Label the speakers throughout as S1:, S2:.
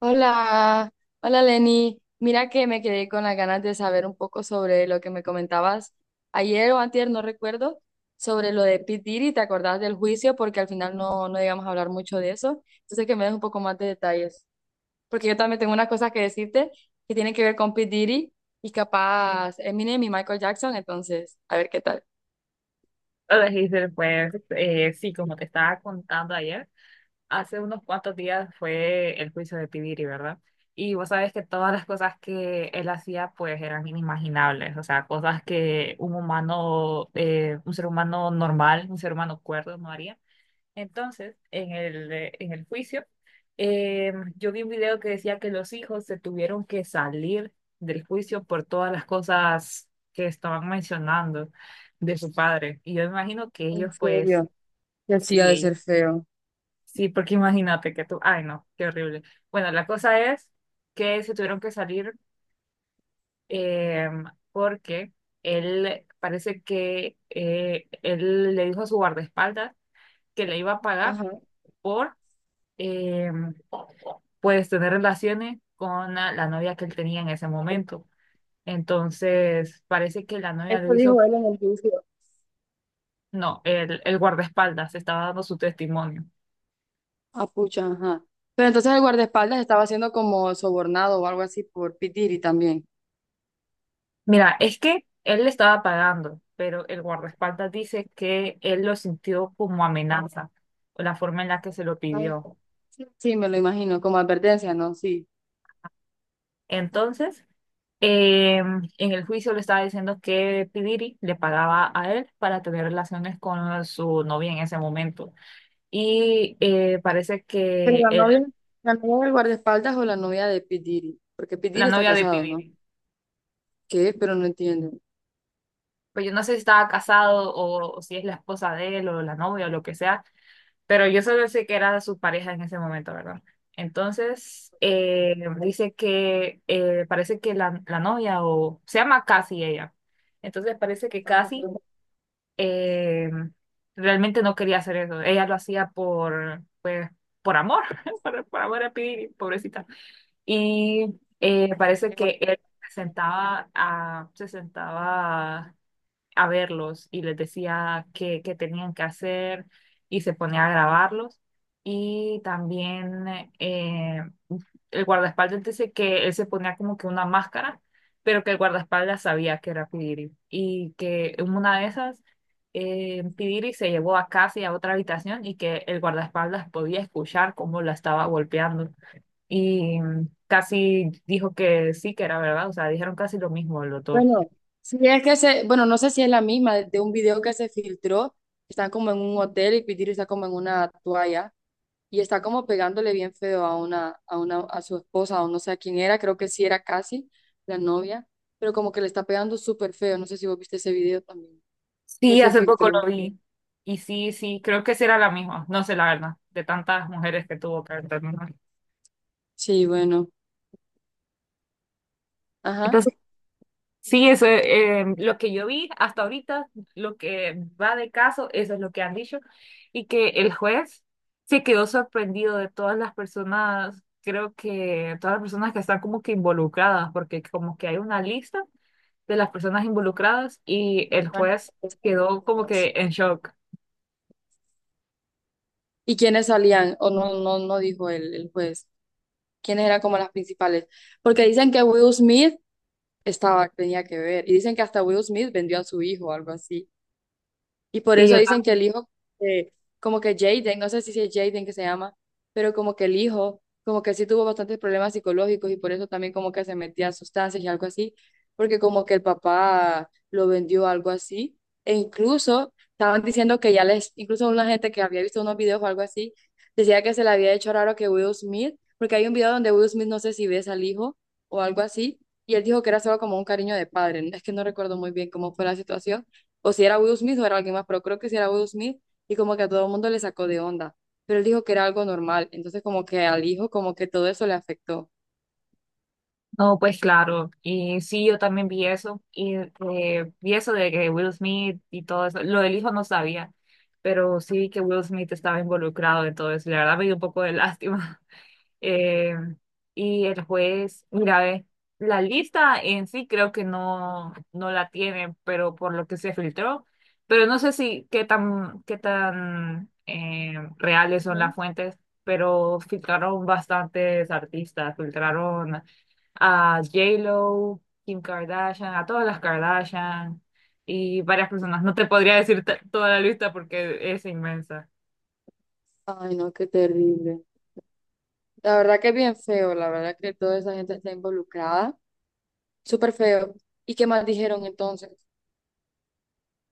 S1: Hola, hola Lenny. Mira que me quedé con las ganas de saber un poco sobre lo que me comentabas ayer o antier, no recuerdo, sobre lo de Pete Diddy, ¿te acordás del juicio? Porque al final no llegamos a hablar mucho de eso. Entonces que me des un poco más de detalles. Porque yo también tengo unas cosas que decirte que tienen que ver con Pete Diddy y capaz Eminem y Michael Jackson, entonces, a ver qué tal.
S2: Hola Giselle, pues sí, como te estaba contando ayer, hace unos cuantos días fue el juicio de Pibiri, ¿verdad? Y vos sabés que todas las cosas que él hacía pues eran inimaginables, o sea, cosas que un humano, un ser humano normal, un ser humano cuerdo no haría. Entonces, en el juicio, yo vi un video que decía que los hijos se tuvieron que salir del juicio por todas las cosas que estaban mencionando de su padre. Y yo imagino que
S1: En
S2: ellos,
S1: serio,
S2: pues,
S1: que sí ha
S2: sí,
S1: de
S2: ellos,
S1: ser feo.
S2: sí, porque imagínate que tú, ay, no, qué horrible. Bueno, la cosa es que se tuvieron que salir eh, porque él, parece que él le dijo a su guardaespaldas que le iba a pagar
S1: Ajá.
S2: por... em, pues tener relaciones con la novia que él tenía en ese momento. Entonces, parece que la novia lo
S1: Eso
S2: hizo,
S1: dijo él en el juicio.
S2: no, el guardaespaldas estaba dando su testimonio.
S1: Ah, pucha, ajá. Pero entonces el guardaespaldas estaba siendo como sobornado o algo así por Pitiri también.
S2: Mira, es que él le estaba pagando, pero el guardaespaldas dice que él lo sintió como amenaza, o la forma en la que se lo
S1: Ah,
S2: pidió.
S1: sí. Sí, me lo imagino, como advertencia, ¿no? Sí.
S2: Entonces, en el juicio le estaba diciendo que Pidiri le pagaba a él para tener relaciones con su novia en ese momento. Y parece
S1: Pero
S2: que
S1: la
S2: él
S1: novia, la novia del guardaespaldas o la novia de Pitiri, porque
S2: la
S1: Pitiri está
S2: novia de
S1: casado, ¿no?
S2: Pibiri.
S1: ¿Qué? Pero no entiendo.
S2: Pues yo no sé si estaba casado o si es la esposa de él o la novia o lo que sea, pero yo solo sé que era su pareja en ese momento, ¿verdad? Entonces, dice que parece que la novia o se llama Cassie ella. Entonces parece que
S1: Ajá.
S2: Cassie eh, realmente no quería hacer eso. Ella lo hacía por, pues, por amor, por amor a Pibiri, pobrecita. Y parece que él se sentaba a verlos y les decía qué, qué tenían que hacer y se ponía a grabarlos. Y también eh, el guardaespaldas dice que él se ponía como que una máscara, pero que el guardaespaldas sabía que era Pidiri y que en una de esas Pidiri se llevó a Cassie a otra habitación y que el guardaespaldas podía escuchar cómo la estaba golpeando. Y casi dijo que sí, que era verdad, o sea, dijeron casi lo mismo los
S1: Bueno,
S2: dos.
S1: sí, es que se, bueno, no sé si es la misma de un video que se filtró, están como en un hotel y Pitiri está como en una toalla. Y está como pegándole bien feo a una a su esposa, o no sé a quién era, creo que sí era casi la novia, pero como que le está pegando súper feo, no sé si vos viste ese video también, que
S2: Sí,
S1: se
S2: hace poco
S1: filtró.
S2: lo vi. Y sí, sí, creo que sí era la misma. No sé la verdad, de tantas mujeres que tuvo que terminar.
S1: Sí, bueno, ajá.
S2: Entonces, sí, eso es lo que yo vi hasta ahorita, lo que va de caso, eso es lo que han dicho. Y que el juez se quedó sorprendido de todas las personas, creo que todas las personas que están como que involucradas, porque como que hay una lista de las personas involucradas y el
S1: Imagínate
S2: juez quedó como
S1: vos.
S2: que en shock.
S1: ¿Y quiénes salían? O no dijo el juez. ¿Quiénes eran como las principales? Porque dicen que Will Smith estaba, tenía que ver, y dicen que hasta Will Smith vendió a su hijo o algo así. Y por
S2: Sí.
S1: eso
S2: Yo
S1: dicen que el hijo, eh, como que Jaden, no sé si es Jaden que se llama, pero como que el hijo, como que sí tuvo bastantes problemas psicológicos y por eso también como que se metía a sustancias y algo así, porque como que el papá lo vendió algo así. E incluso estaban diciendo que ya les, incluso una gente que había visto unos videos o algo así, decía que se le había hecho raro que Will Smith, porque hay un video donde Will Smith no sé si ves al hijo o algo así, y él dijo que era solo como un cariño de padre. Es que no recuerdo muy bien cómo fue la situación o si era Will Smith o era alguien más, pero creo que si era Will Smith y como que a todo el mundo le sacó de onda, pero él dijo que era algo normal, entonces como que al hijo como que todo eso le afectó.
S2: no, pues claro, y sí, yo también vi eso, y vi eso de que Will Smith y todo eso, lo del hijo no sabía, pero sí que Will Smith estaba involucrado en todo eso, y la verdad me dio un poco de lástima. Eh, y el juez, mira, ve, la lista en sí creo que no, no la tiene, pero por lo que se filtró, pero no sé si qué tan, qué tan reales son las fuentes, pero filtraron bastantes artistas, filtraron a J-Lo, Kim Kardashian, a todas las Kardashian y varias personas. No te podría decir toda la lista porque es inmensa.
S1: Ay, no, qué terrible. La verdad que es bien feo, la verdad que toda esa gente está involucrada, súper feo. ¿Y qué más dijeron entonces?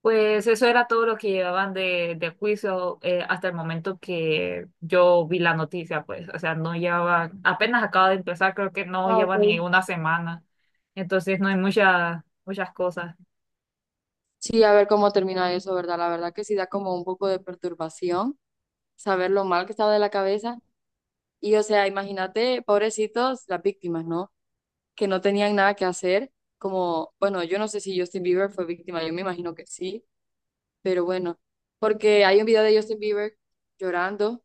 S2: Pues eso era todo lo que llevaban de juicio hasta el momento que yo vi la noticia, pues, o sea, no llevaba, apenas acaba de empezar, creo que no
S1: Ah,
S2: lleva ni
S1: ok.
S2: una semana, entonces no hay muchas, muchas cosas.
S1: Sí, a ver cómo termina eso, ¿verdad? La verdad que sí da como un poco de perturbación saber lo mal que estaba de la cabeza. Y o sea, imagínate, pobrecitos, las víctimas, ¿no? Que no tenían nada que hacer, como, bueno, yo no sé si Justin Bieber fue víctima, yo me imagino que sí, pero bueno, porque hay un video de Justin Bieber llorando,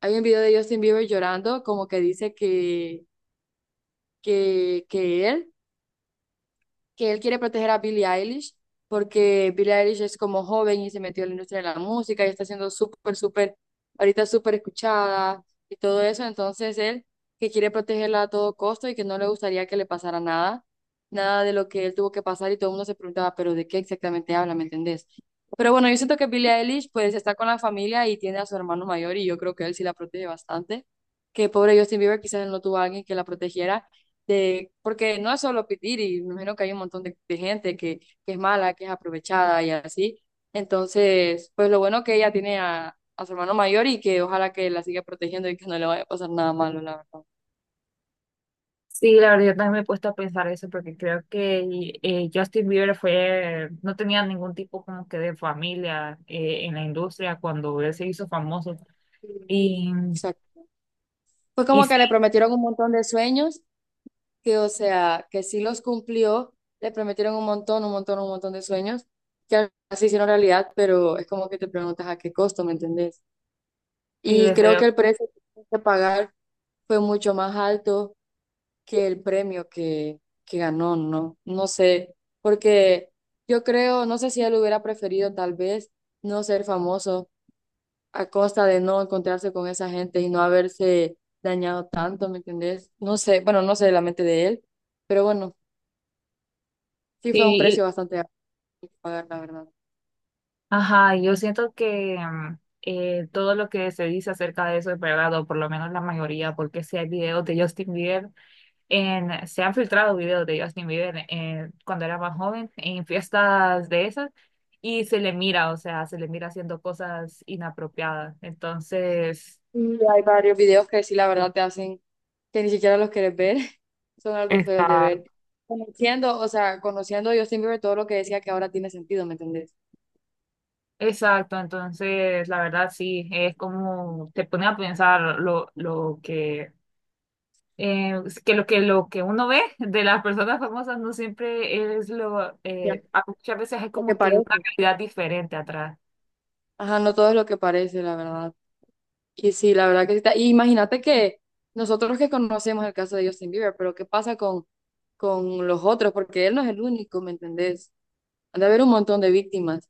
S1: hay un video de Justin Bieber llorando, como que dice que, que él que él quiere proteger a Billie Eilish porque Billie Eilish es como joven y se metió en la industria de la música y está siendo súper, ahorita súper escuchada y todo eso. Entonces él que quiere protegerla a todo costo y que no le gustaría que le pasara nada, nada de lo que él tuvo que pasar y todo el mundo se preguntaba, pero ¿de qué exactamente habla? ¿Me entendés? Pero bueno, yo siento que Billie Eilish pues está con la familia y tiene a su hermano mayor y yo creo que él sí la protege bastante. Que pobre Justin Bieber quizás él no tuvo a alguien que la protegiera de, porque no es solo pedir, y me imagino que hay un montón de gente que es mala, que es aprovechada y así. Entonces, pues lo bueno que ella tiene a su hermano mayor y que ojalá que la siga protegiendo y que no le vaya a pasar nada malo, la verdad.
S2: Sí, la verdad, yo también me he puesto a pensar eso porque creo que Justin Bieber fue, no tenía ningún tipo como que de familia en la industria cuando él se hizo famoso.
S1: Sí,
S2: Y,
S1: exacto. Fue
S2: y
S1: como
S2: sí,
S1: que le prometieron un montón de sueños, que o sea, que sí los cumplió, le prometieron un montón, un montón, un montón de sueños, que así hicieron realidad, pero es como que te preguntas a qué costo, ¿me entendés?
S2: y le
S1: Y creo
S2: salió,
S1: que el precio que tuvieron que pagar fue mucho más alto que el premio que ganó, ¿no? No sé, porque yo creo, no sé si él hubiera preferido tal vez no ser famoso a costa de no encontrarse con esa gente y no haberse dañado tanto, ¿me entendés? No sé, bueno, no sé la mente de él, pero bueno, sí fue un
S2: sí, y-
S1: precio bastante alto que pagar, la verdad.
S2: ajá, y yo siento que todo lo que se dice acerca de eso es verdad, o por lo menos la mayoría, porque si hay videos de Justin Bieber en, se han filtrado videos de Justin Bieber cuando era más joven en fiestas de esas y se le mira, o sea, se le mira haciendo cosas inapropiadas. Entonces,
S1: Y hay varios videos que sí, la verdad, te hacen que ni siquiera los quieres ver, son algo feos de
S2: está,
S1: ver. Conociendo, o sea, conociendo a Justin Bieber, todo lo que decía que ahora tiene sentido, ¿me entendés?
S2: exacto, entonces la verdad sí, es como te pone a pensar lo eh, que lo que lo que uno ve de las personas famosas no siempre es lo,
S1: Ya,
S2: muchas veces hay
S1: lo que
S2: como que una
S1: parece.
S2: realidad diferente atrás.
S1: Ajá, no todo es lo que parece, la verdad. Y sí, la verdad que sí está. Y imagínate que nosotros que conocemos el caso de Justin Bieber, pero ¿qué pasa con los otros? Porque él no es el único, ¿me entendés? Han de haber un montón de víctimas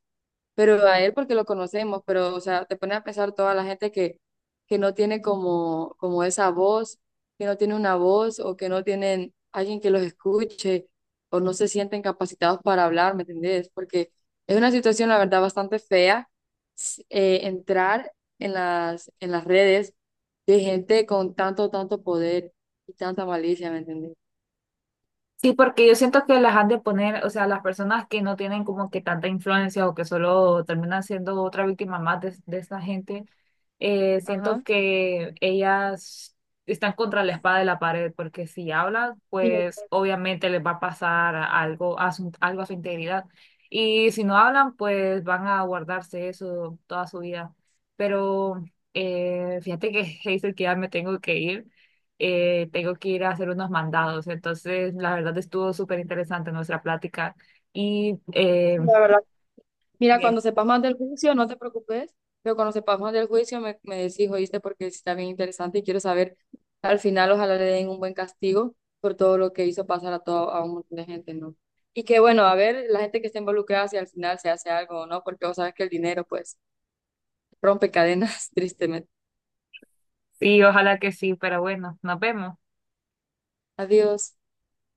S1: pero a él porque lo conocemos, pero o sea, te pone a pensar toda la gente que no tiene como, como esa voz, que no tiene una voz o que no tienen alguien que los escuche o no se sienten capacitados para hablar, ¿me entendés? Porque es una situación, la verdad, bastante fea entrar en las redes de gente con tanto, tanto poder y tanta malicia, ¿me entendés?
S2: Sí, porque yo siento que las han de poner, o sea, las personas que no tienen como que tanta influencia o que solo terminan siendo otra víctima más de esta gente, siento
S1: Ajá.
S2: que ellas están contra la espada de la pared, porque si hablan,
S1: Sí,
S2: pues obviamente les va a pasar algo a su integridad. Y si no hablan, pues van a guardarse eso toda su vida. Pero fíjate que, Hazel, que ya me tengo que ir a hacer unos mandados. Entonces, la verdad estuvo súper interesante nuestra plática. Y
S1: la verdad. Mira,
S2: sí,
S1: cuando sepas más del juicio, no te preocupes, pero cuando sepas más del juicio me, me decís, oíste, porque sí está bien interesante y quiero saber, al final ojalá le den un buen castigo por todo lo que hizo pasar a todo, a un montón de gente, ¿no? Y que bueno, a ver, la gente que está involucrada, si al final se hace algo o no, porque vos sabes que el dinero pues rompe cadenas, tristemente.
S2: sí, ojalá que sí, pero bueno, nos vemos.
S1: Adiós.